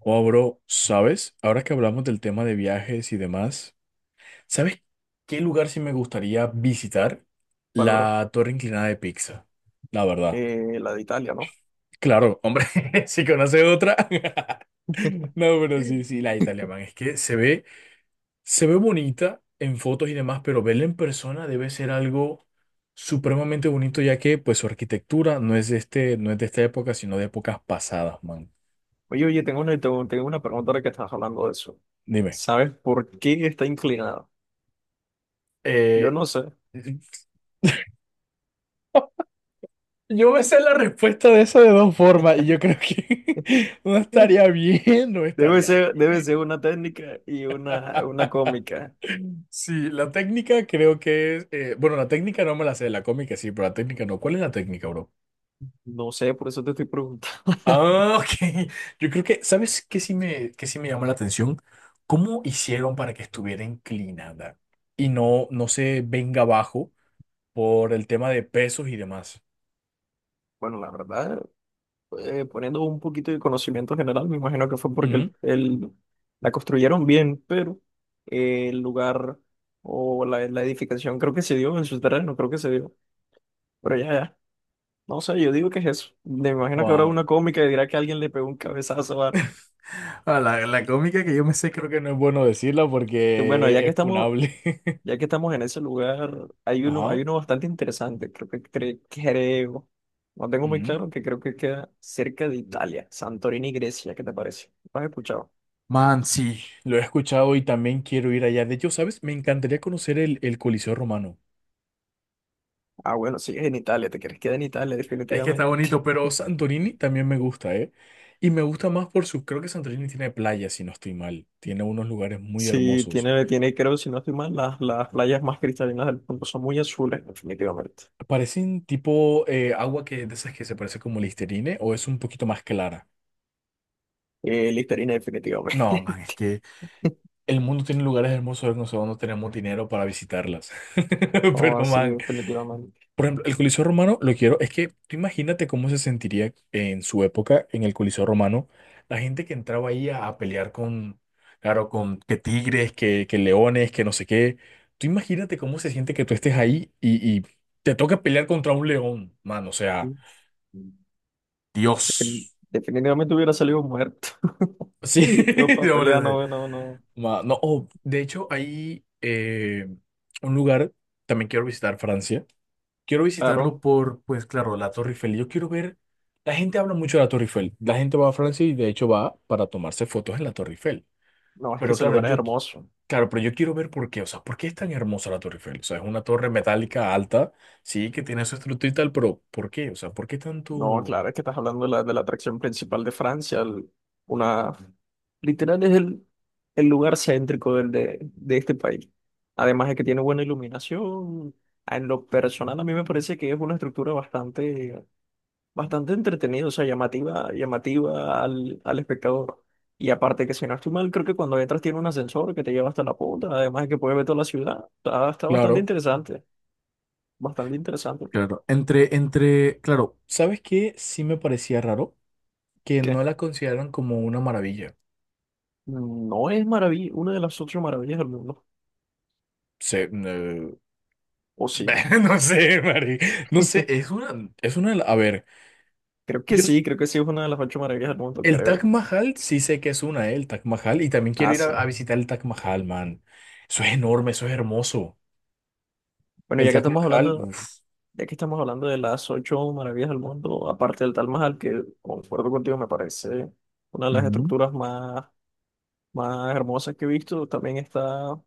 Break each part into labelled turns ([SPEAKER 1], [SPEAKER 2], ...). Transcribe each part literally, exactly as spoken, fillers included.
[SPEAKER 1] Oh, bro, ¿sabes? Ahora que hablamos del tema de viajes y demás, ¿sabes qué lugar sí me gustaría visitar?
[SPEAKER 2] ¿Cuál, bro?
[SPEAKER 1] La Torre Inclinada de Pisa, la verdad.
[SPEAKER 2] Eh, la de Italia, ¿no?
[SPEAKER 1] Claro, hombre, si conoce otra. No, pero sí, sí, la Italia, man. Es que se ve, se ve bonita en fotos y demás, pero verla en persona debe ser algo supremamente bonito, ya que pues su arquitectura no es de este, no es de esta época, sino de épocas pasadas, man.
[SPEAKER 2] Oye, oye, tengo una, tengo, tengo una pregunta ahora que estás hablando de eso.
[SPEAKER 1] Dime.
[SPEAKER 2] ¿Sabes por qué está inclinada? Yo
[SPEAKER 1] Eh,
[SPEAKER 2] no sé.
[SPEAKER 1] Yo me sé la respuesta de eso de dos formas y yo creo que no estaría bien, no
[SPEAKER 2] Debe
[SPEAKER 1] estaría
[SPEAKER 2] ser,
[SPEAKER 1] bien.
[SPEAKER 2] debe ser una técnica y una, una
[SPEAKER 1] Ah,
[SPEAKER 2] cómica.
[SPEAKER 1] sí, la técnica creo que es, eh, bueno, la técnica no me la sé, la cómica sí, pero la técnica no. ¿Cuál es la técnica, bro?
[SPEAKER 2] No sé, por eso te estoy preguntando.
[SPEAKER 1] Ah, ok. Yo creo que, ¿sabes qué sí me, qué sí me llama la atención? ¿Cómo hicieron para que estuviera inclinada y no, no se venga abajo por el tema de pesos y demás?
[SPEAKER 2] Bueno, la verdad, eh, poniendo un poquito de conocimiento general, me imagino que fue porque el,
[SPEAKER 1] Ujú.
[SPEAKER 2] el- la construyeron bien, pero eh, el lugar o la, la edificación creo que se dio en su terreno, creo que se dio. Pero ya, ya. No sé, yo digo que es eso. Me imagino que habrá
[SPEAKER 1] Wow.
[SPEAKER 2] una cómica y dirá que alguien le pegó un cabezazo a...
[SPEAKER 1] Ah, la, la cómica que yo me sé creo que no es bueno decirla
[SPEAKER 2] Bueno, ya
[SPEAKER 1] porque
[SPEAKER 2] que
[SPEAKER 1] es
[SPEAKER 2] estamos,
[SPEAKER 1] funable.
[SPEAKER 2] ya que estamos en ese lugar, hay uno,
[SPEAKER 1] Ajá.
[SPEAKER 2] hay uno bastante interesante, creo que cre- creo, no tengo muy
[SPEAKER 1] Ujú.
[SPEAKER 2] claro, que creo que queda cerca de Italia, Santorini, Grecia, ¿qué te parece? ¿Lo has escuchado?
[SPEAKER 1] Man, sí, lo he escuchado y también quiero ir allá. De hecho, ¿sabes? Me encantaría conocer el, el Coliseo Romano.
[SPEAKER 2] Ah, bueno, sí, es en Italia, te quieres quedar en Italia,
[SPEAKER 1] Es que está
[SPEAKER 2] definitivamente.
[SPEAKER 1] bonito, pero Santorini también me gusta, ¿eh? Y me gusta más por su... Creo que Santorini tiene playas, si no estoy mal. Tiene unos lugares muy
[SPEAKER 2] Sí,
[SPEAKER 1] hermosos.
[SPEAKER 2] tiene, tiene, creo, si no estoy mal, las, las playas más cristalinas del mundo son muy azules, definitivamente.
[SPEAKER 1] Parecen tipo eh, agua que de esas que se parece como Listerine o es un poquito más clara.
[SPEAKER 2] Eh, Listerine,
[SPEAKER 1] No, man, es
[SPEAKER 2] definitivamente.
[SPEAKER 1] que el mundo tiene lugares hermosos, no sé, no tenemos dinero para visitarlas. Pero,
[SPEAKER 2] Oh, sí,
[SPEAKER 1] man,
[SPEAKER 2] definitivamente.
[SPEAKER 1] por ejemplo, el Coliseo Romano lo quiero, es que tú imagínate cómo se sentiría en su época en el Coliseo Romano, la gente que entraba ahí a, a pelear con, claro, con que tigres, que, que leones, que no sé qué. Tú imagínate cómo se siente que tú estés ahí y, y te toca pelear contra un león, mano, o sea,
[SPEAKER 2] Defin-
[SPEAKER 1] Dios.
[SPEAKER 2] Definitivamente hubiera salido muerto.
[SPEAKER 1] Sí,
[SPEAKER 2] Yo para
[SPEAKER 1] de hombre.
[SPEAKER 2] pelear,
[SPEAKER 1] de-
[SPEAKER 2] no, no, no.
[SPEAKER 1] ma- no, oh, de hecho, hay eh, un lugar, también quiero visitar Francia. Quiero visitarlo
[SPEAKER 2] Claro,
[SPEAKER 1] por, pues claro, la Torre Eiffel. Yo quiero ver, la gente habla mucho de la Torre Eiffel. La gente va a Francia y de hecho va para tomarse fotos en la Torre Eiffel.
[SPEAKER 2] no, es que
[SPEAKER 1] Pero
[SPEAKER 2] ese
[SPEAKER 1] claro,
[SPEAKER 2] lugar es
[SPEAKER 1] yo, qui-
[SPEAKER 2] hermoso.
[SPEAKER 1] claro, pero yo quiero ver por qué, o sea, ¿por qué es tan hermosa la Torre Eiffel? O sea, es una torre metálica alta, sí, que tiene su estructura y tal, pero ¿por qué? O sea, ¿por qué
[SPEAKER 2] No,
[SPEAKER 1] tanto?
[SPEAKER 2] claro, es que estás hablando de la, de la, atracción principal de Francia. el- una, Literal es el, el lugar céntrico del, de, de este país. Además de que tiene buena iluminación. En lo personal, a mí me parece que es una estructura bastante bastante entretenido, o sea, llamativa, llamativa al, al espectador. Y aparte que si no estoy mal, creo que cuando entras tiene un ascensor que te lleva hasta la punta, además de que puedes ver toda la ciudad. Está, está bastante
[SPEAKER 1] Claro,
[SPEAKER 2] interesante, bastante interesante.
[SPEAKER 1] claro. Entre, entre, claro, ¿sabes qué? Sí me parecía raro que
[SPEAKER 2] Que
[SPEAKER 1] no la consideran como una maravilla.
[SPEAKER 2] no es maravilla, una de las ocho maravillas del mundo.
[SPEAKER 1] Se
[SPEAKER 2] O sí.
[SPEAKER 1] No sé, Mari. No sé, es una, es una, a ver,
[SPEAKER 2] Creo que
[SPEAKER 1] yo,
[SPEAKER 2] sí, creo que sí es una de las ocho maravillas del mundo,
[SPEAKER 1] el Taj
[SPEAKER 2] creo.
[SPEAKER 1] Mahal, sí sé que es una, eh, el Taj Mahal, y también quiero
[SPEAKER 2] Ah,
[SPEAKER 1] ir a, a
[SPEAKER 2] sí.
[SPEAKER 1] visitar el Taj Mahal, man. Eso es enorme, eso es hermoso.
[SPEAKER 2] Bueno,
[SPEAKER 1] El
[SPEAKER 2] ya que
[SPEAKER 1] Taj
[SPEAKER 2] estamos
[SPEAKER 1] Mahal,
[SPEAKER 2] hablando,
[SPEAKER 1] uf.
[SPEAKER 2] ya que estamos hablando de las ocho maravillas del mundo, aparte del Taj Mahal, que concuerdo contigo, me parece una de las
[SPEAKER 1] Ujú.
[SPEAKER 2] estructuras más más hermosas que he visto también está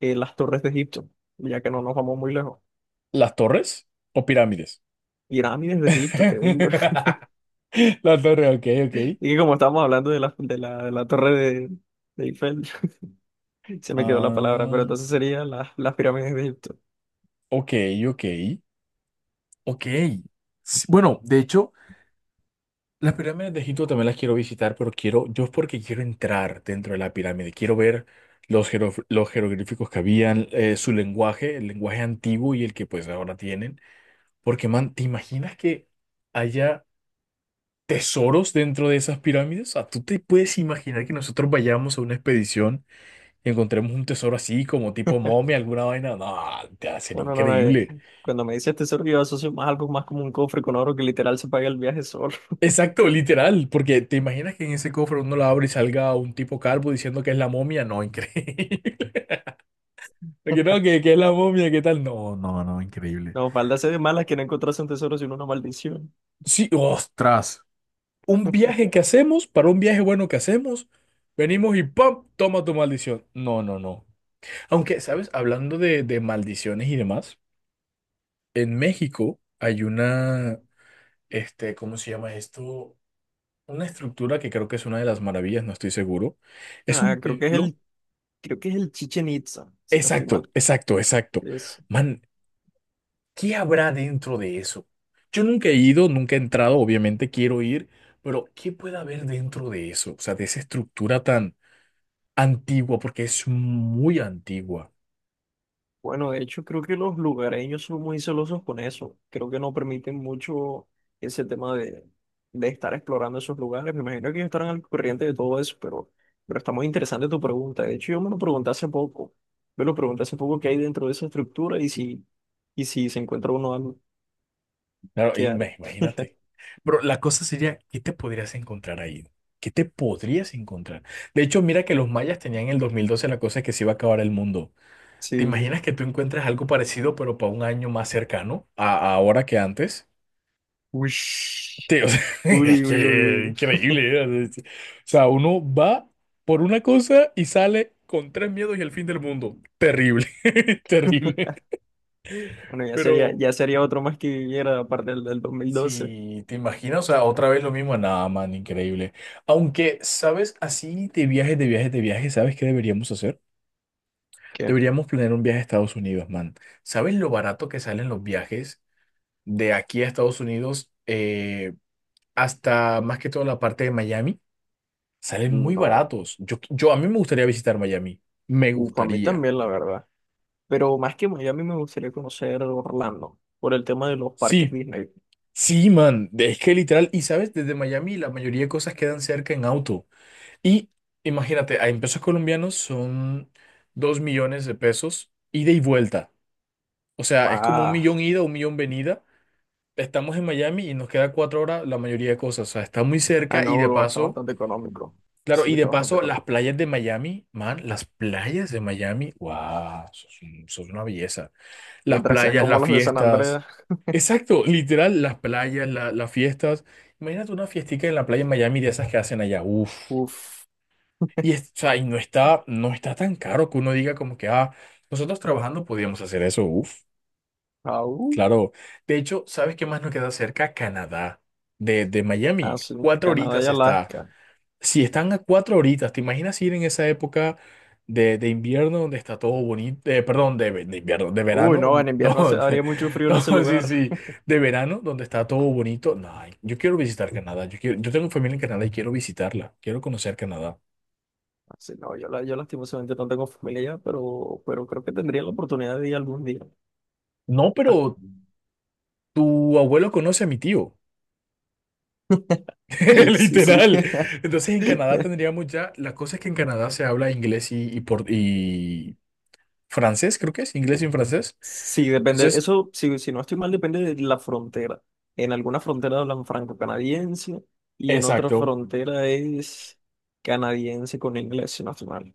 [SPEAKER 2] eh, las torres de Egipto, ya que no nos vamos muy lejos.
[SPEAKER 1] ¿Las torres o pirámides?
[SPEAKER 2] Pirámides de Egipto, que digo.
[SPEAKER 1] La torre, ok, ok.
[SPEAKER 2] Y que como estábamos hablando de la, de la, de la torre de, de Eiffel, se me quedó la palabra, pero
[SPEAKER 1] Ah,
[SPEAKER 2] entonces serían las, las, pirámides de Egipto.
[SPEAKER 1] ok, ok, ok. Sí, bueno, de hecho. Las pirámides de Egipto también las quiero visitar, pero quiero, yo porque quiero entrar dentro de la pirámide, quiero ver los, jero- los jeroglíficos que habían, eh, su lenguaje, el lenguaje antiguo y el que pues ahora tienen. Porque, man, ¿te imaginas que haya tesoros dentro de esas pirámides? O sea, ¿tú te puedes imaginar que nosotros vayamos a una expedición y encontremos un tesoro así como tipo momia, alguna vaina? No, te va a ser
[SPEAKER 2] Bueno, no, no, no, eh,
[SPEAKER 1] increíble.
[SPEAKER 2] cuando me dices tesoro, yo asocio más algo más como un cofre con oro que literal se paga el viaje solo.
[SPEAKER 1] Exacto, literal, porque te imaginas que en ese cofre uno lo abre y salga un tipo calvo diciendo que es la momia, no, increíble. Que no, que, que es la momia, ¿qué tal? No, no, no, increíble.
[SPEAKER 2] No, falda ser de malas que no encontrase un tesoro sino una maldición.
[SPEAKER 1] Sí, ostras, un viaje que hacemos, para un viaje bueno que hacemos, venimos y ¡pam! Toma tu maldición. No, no, no. Aunque, ¿sabes? Hablando de, de maldiciones y demás, en México hay una, este, ¿cómo se llama esto? Una estructura que creo que es una de las maravillas, no estoy seguro. Es un
[SPEAKER 2] Ah, creo que es
[SPEAKER 1] templo.
[SPEAKER 2] el, creo que es el Chichen Itza, si no estoy
[SPEAKER 1] Exacto,
[SPEAKER 2] mal.
[SPEAKER 1] exacto, exacto. Man, ¿qué habrá dentro de eso? Yo nunca he ido, nunca he entrado, obviamente quiero ir, pero ¿qué puede haber dentro de eso? O sea, de esa estructura tan antigua, porque es muy antigua.
[SPEAKER 2] Bueno, de hecho, creo que los lugareños son muy celosos con eso. Creo que no permiten mucho ese tema de, de estar explorando esos lugares. Me imagino que ellos estarán al corriente de todo eso, pero, pero está muy interesante tu pregunta. De hecho, yo me lo pregunté hace poco. Me lo pregunté hace poco qué hay dentro de esa estructura y si, y si se encuentra uno algo,
[SPEAKER 1] Claro,
[SPEAKER 2] ¿qué haré?
[SPEAKER 1] ima- imagínate. Pero la cosa sería, ¿qué te podrías encontrar ahí? ¿Qué te podrías encontrar? De hecho, mira que los mayas tenían en el dos mil doce la cosa de que se iba a acabar el mundo. ¿Te
[SPEAKER 2] Sí.
[SPEAKER 1] imaginas que tú encuentres algo parecido, pero para un año más cercano a a ahora que antes?
[SPEAKER 2] Uy,
[SPEAKER 1] Sí, o sea, es
[SPEAKER 2] uy, uy,
[SPEAKER 1] que
[SPEAKER 2] uy. uy.
[SPEAKER 1] increíble, ¿eh? O sea, uno va por una cosa y sale con tres miedos y el fin del mundo. Terrible, terrible.
[SPEAKER 2] Bueno, ya sería,
[SPEAKER 1] Pero
[SPEAKER 2] ya sería otro más que viviera aparte del del dos mil doce.
[SPEAKER 1] si te imaginas, o sea, otra vez lo mismo, nada, man, increíble. Aunque, ¿sabes? Así de viajes, de viajes, de viajes, ¿sabes qué deberíamos hacer?
[SPEAKER 2] ¿Qué?
[SPEAKER 1] Deberíamos planear un viaje a Estados Unidos, man. ¿Sabes lo barato que salen los viajes de aquí a Estados Unidos eh, hasta más que todo la parte de Miami? Salen muy
[SPEAKER 2] No,
[SPEAKER 1] baratos. Yo, yo, a mí me gustaría visitar Miami. Me
[SPEAKER 2] uf, a mí
[SPEAKER 1] gustaría.
[SPEAKER 2] también, la verdad. Pero más que Miami me gustaría conocer Orlando por el tema de los parques
[SPEAKER 1] Sí,
[SPEAKER 2] Disney.
[SPEAKER 1] sí, man. Es que literal, y sabes, desde Miami la mayoría de cosas quedan cerca en auto. Y imagínate, en pesos colombianos son dos millones de pesos ida y vuelta. O sea, es como un
[SPEAKER 2] Ah,
[SPEAKER 1] millón ida, un millón venida. Estamos en Miami y nos queda cuatro horas la mayoría de cosas. O sea, está muy
[SPEAKER 2] ah,
[SPEAKER 1] cerca y
[SPEAKER 2] no,
[SPEAKER 1] de
[SPEAKER 2] bro, está
[SPEAKER 1] paso,
[SPEAKER 2] bastante económico.
[SPEAKER 1] claro,
[SPEAKER 2] Sí,
[SPEAKER 1] y de
[SPEAKER 2] está bastante
[SPEAKER 1] paso las
[SPEAKER 2] económico.
[SPEAKER 1] playas de Miami, man, las playas de Miami, wow, eso es un- eso es una belleza. Las
[SPEAKER 2] Mientras sean
[SPEAKER 1] playas,
[SPEAKER 2] como
[SPEAKER 1] las
[SPEAKER 2] los de San
[SPEAKER 1] fiestas.
[SPEAKER 2] Andrés,
[SPEAKER 1] Exacto, literal, las playas, la- las fiestas. Imagínate una fiestica en la playa en Miami de esas que hacen allá. Uf.
[SPEAKER 2] uff,
[SPEAKER 1] Y, es- o sea, y no está, no está tan caro que uno diga como que, ah, nosotros trabajando podíamos hacer eso. Uf,
[SPEAKER 2] aún,
[SPEAKER 1] claro. De hecho, ¿sabes qué más nos queda cerca? Canadá, de, de Miami.
[SPEAKER 2] así,
[SPEAKER 1] Cuatro
[SPEAKER 2] Canadá y
[SPEAKER 1] horitas está.
[SPEAKER 2] Alaska.
[SPEAKER 1] Si están a cuatro horitas, ¿te imaginas ir en esa época de, de invierno donde está todo bonito? Eh, perdón, de, ve- de invierno, de
[SPEAKER 2] Uy, no, en
[SPEAKER 1] verano.
[SPEAKER 2] invierno se,
[SPEAKER 1] Donde,
[SPEAKER 2] haría mucho frío en ese
[SPEAKER 1] no, sí,
[SPEAKER 2] lugar.
[SPEAKER 1] sí, de verano donde está todo bonito. No, ay, yo quiero visitar Canadá. Yo quiero, yo tengo familia en Canadá y quiero visitarla. Quiero conocer Canadá.
[SPEAKER 2] Así, no, yo, la- yo lastimosamente no tengo familia allá, pero, pero creo que tendría la oportunidad de ir algún día.
[SPEAKER 1] No, pero tu abuelo conoce a mi tío,
[SPEAKER 2] Sí, sí.
[SPEAKER 1] literal. Entonces en Canadá tendríamos ya, la cosa es que en Canadá se habla inglés y, y, por, y francés, creo que es, inglés y francés.
[SPEAKER 2] Sí, depende,
[SPEAKER 1] Entonces...
[SPEAKER 2] eso, si, si no estoy mal, depende de la frontera. En alguna frontera hablan franco-canadiense y en otra
[SPEAKER 1] Exacto.
[SPEAKER 2] frontera es canadiense con inglés, si no estoy mal.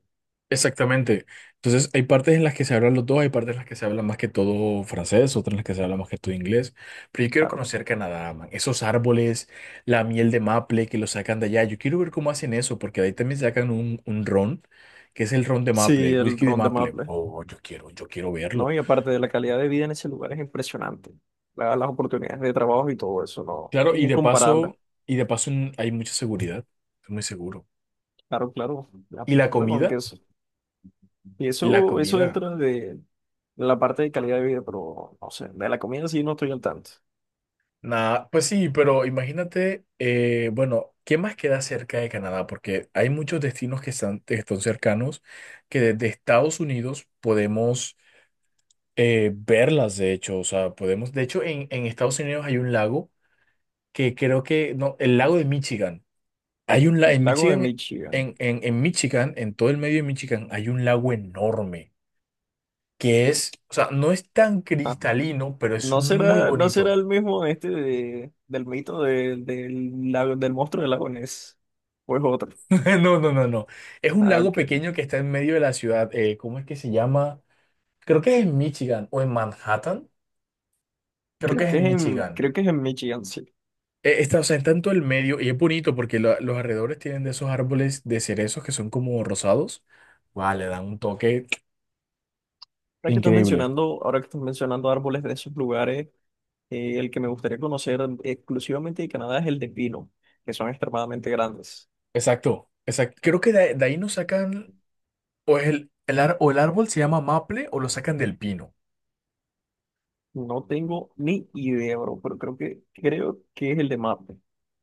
[SPEAKER 1] Exactamente. Entonces, hay partes en las que se hablan los dos, hay partes en las que se habla más que todo francés, otras en las que se habla más que todo inglés. Pero yo quiero
[SPEAKER 2] Claro.
[SPEAKER 1] conocer Canadá, man. Esos árboles, la miel de maple que lo sacan de allá. Yo quiero ver cómo hacen eso, porque de ahí también sacan un, un ron, que es el ron de
[SPEAKER 2] Sí,
[SPEAKER 1] maple, el
[SPEAKER 2] el
[SPEAKER 1] whisky de
[SPEAKER 2] ron de
[SPEAKER 1] maple.
[SPEAKER 2] maple,
[SPEAKER 1] Oh, yo quiero, yo quiero verlo.
[SPEAKER 2] ¿no? Y aparte de la calidad de vida en ese lugar es impresionante. La- las oportunidades de trabajo y todo eso, ¿no?
[SPEAKER 1] Claro,
[SPEAKER 2] Es
[SPEAKER 1] y de
[SPEAKER 2] incomparable.
[SPEAKER 1] paso, y de paso mm, hay mucha seguridad. Es muy seguro.
[SPEAKER 2] Claro, claro. Ya,
[SPEAKER 1] ¿Y la
[SPEAKER 2] bueno, aunque
[SPEAKER 1] comida?
[SPEAKER 2] eso, y
[SPEAKER 1] La
[SPEAKER 2] eso, eso
[SPEAKER 1] comida.
[SPEAKER 2] entra de la parte de calidad de vida, pero no sé, de la comida sí no estoy al tanto.
[SPEAKER 1] Nah, pues sí, pero imagínate, eh, bueno, ¿qué más queda cerca de Canadá? Porque hay muchos destinos que están, que están cercanos, que desde Estados Unidos podemos eh, verlas, de hecho, o sea, podemos, de hecho, en, en Estados Unidos hay un lago que creo que, no, el lago de Michigan. Hay un lago en
[SPEAKER 2] Lago de
[SPEAKER 1] Michigan,
[SPEAKER 2] Michigan.
[SPEAKER 1] en, en, en Michigan, en todo el medio de Michigan, hay un lago enorme, que es, o sea, no es tan cristalino, pero es
[SPEAKER 2] ¿No
[SPEAKER 1] muy
[SPEAKER 2] será, no será
[SPEAKER 1] bonito.
[SPEAKER 2] el mismo este de- del mito de- del, lago- del monstruo del lago Ness? ¿O es otro?
[SPEAKER 1] No, no, no, no. Es un
[SPEAKER 2] Ah,
[SPEAKER 1] lago
[SPEAKER 2] ok.
[SPEAKER 1] pequeño que está en medio de la ciudad. Eh, ¿cómo es que se llama? Creo que es en Michigan o en Manhattan. Creo que
[SPEAKER 2] Creo
[SPEAKER 1] es
[SPEAKER 2] que es
[SPEAKER 1] en
[SPEAKER 2] en,
[SPEAKER 1] Michigan.
[SPEAKER 2] creo que es en Michigan, sí.
[SPEAKER 1] Eh, está, o sea, está en todo el medio y es bonito porque la- los alrededores tienen de esos árboles de cerezos que son como rosados. Vale, dan un toque
[SPEAKER 2] Ahora que estás
[SPEAKER 1] increíble.
[SPEAKER 2] mencionando, ahora que estás mencionando árboles de esos lugares, eh, el que me gustaría conocer exclusivamente de Canadá es el de pino, que son extremadamente grandes.
[SPEAKER 1] Exacto, exacto. Creo que de, de ahí nos sacan, o es el, el, ar- o el árbol se llama maple o lo sacan del pino.
[SPEAKER 2] No tengo ni idea, bro, pero creo que, creo que es el de maple.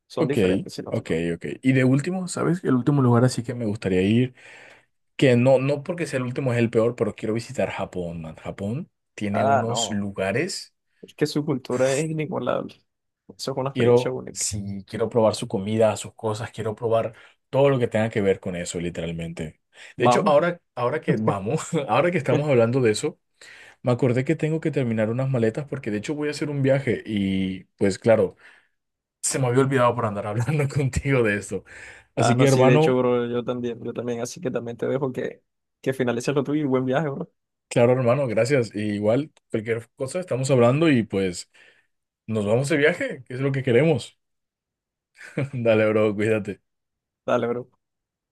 [SPEAKER 2] Son
[SPEAKER 1] Ok,
[SPEAKER 2] diferentes, si no te
[SPEAKER 1] ok,
[SPEAKER 2] equivoco.
[SPEAKER 1] ok. Y de último, ¿sabes? El último lugar así que me gustaría ir, que no, no porque sea el último es el peor, pero quiero visitar Japón, man. Japón tiene
[SPEAKER 2] Ah,
[SPEAKER 1] unos
[SPEAKER 2] no.
[SPEAKER 1] lugares,
[SPEAKER 2] Es que su cultura es inigualable. Eso es una experiencia
[SPEAKER 1] quiero,
[SPEAKER 2] única.
[SPEAKER 1] sí, quiero probar su comida, sus cosas, quiero probar todo lo que tenga que ver con eso, literalmente. De hecho,
[SPEAKER 2] Vamos.
[SPEAKER 1] ahora, ahora que vamos, ahora que estamos hablando de eso, me acordé que tengo que terminar unas maletas porque de hecho voy a hacer un viaje y pues claro, se me había olvidado por andar hablando contigo de esto.
[SPEAKER 2] Ah,
[SPEAKER 1] Así que
[SPEAKER 2] no, sí, de hecho,
[SPEAKER 1] hermano,
[SPEAKER 2] bro, yo también, yo también, así que también te dejo que, que, finalices lo tuyo y buen viaje, bro.
[SPEAKER 1] claro hermano, gracias. Y igual, cualquier cosa estamos hablando y pues... Nos vamos de viaje, que es lo que queremos. Dale, bro, cuídate.
[SPEAKER 2] Dale, bro.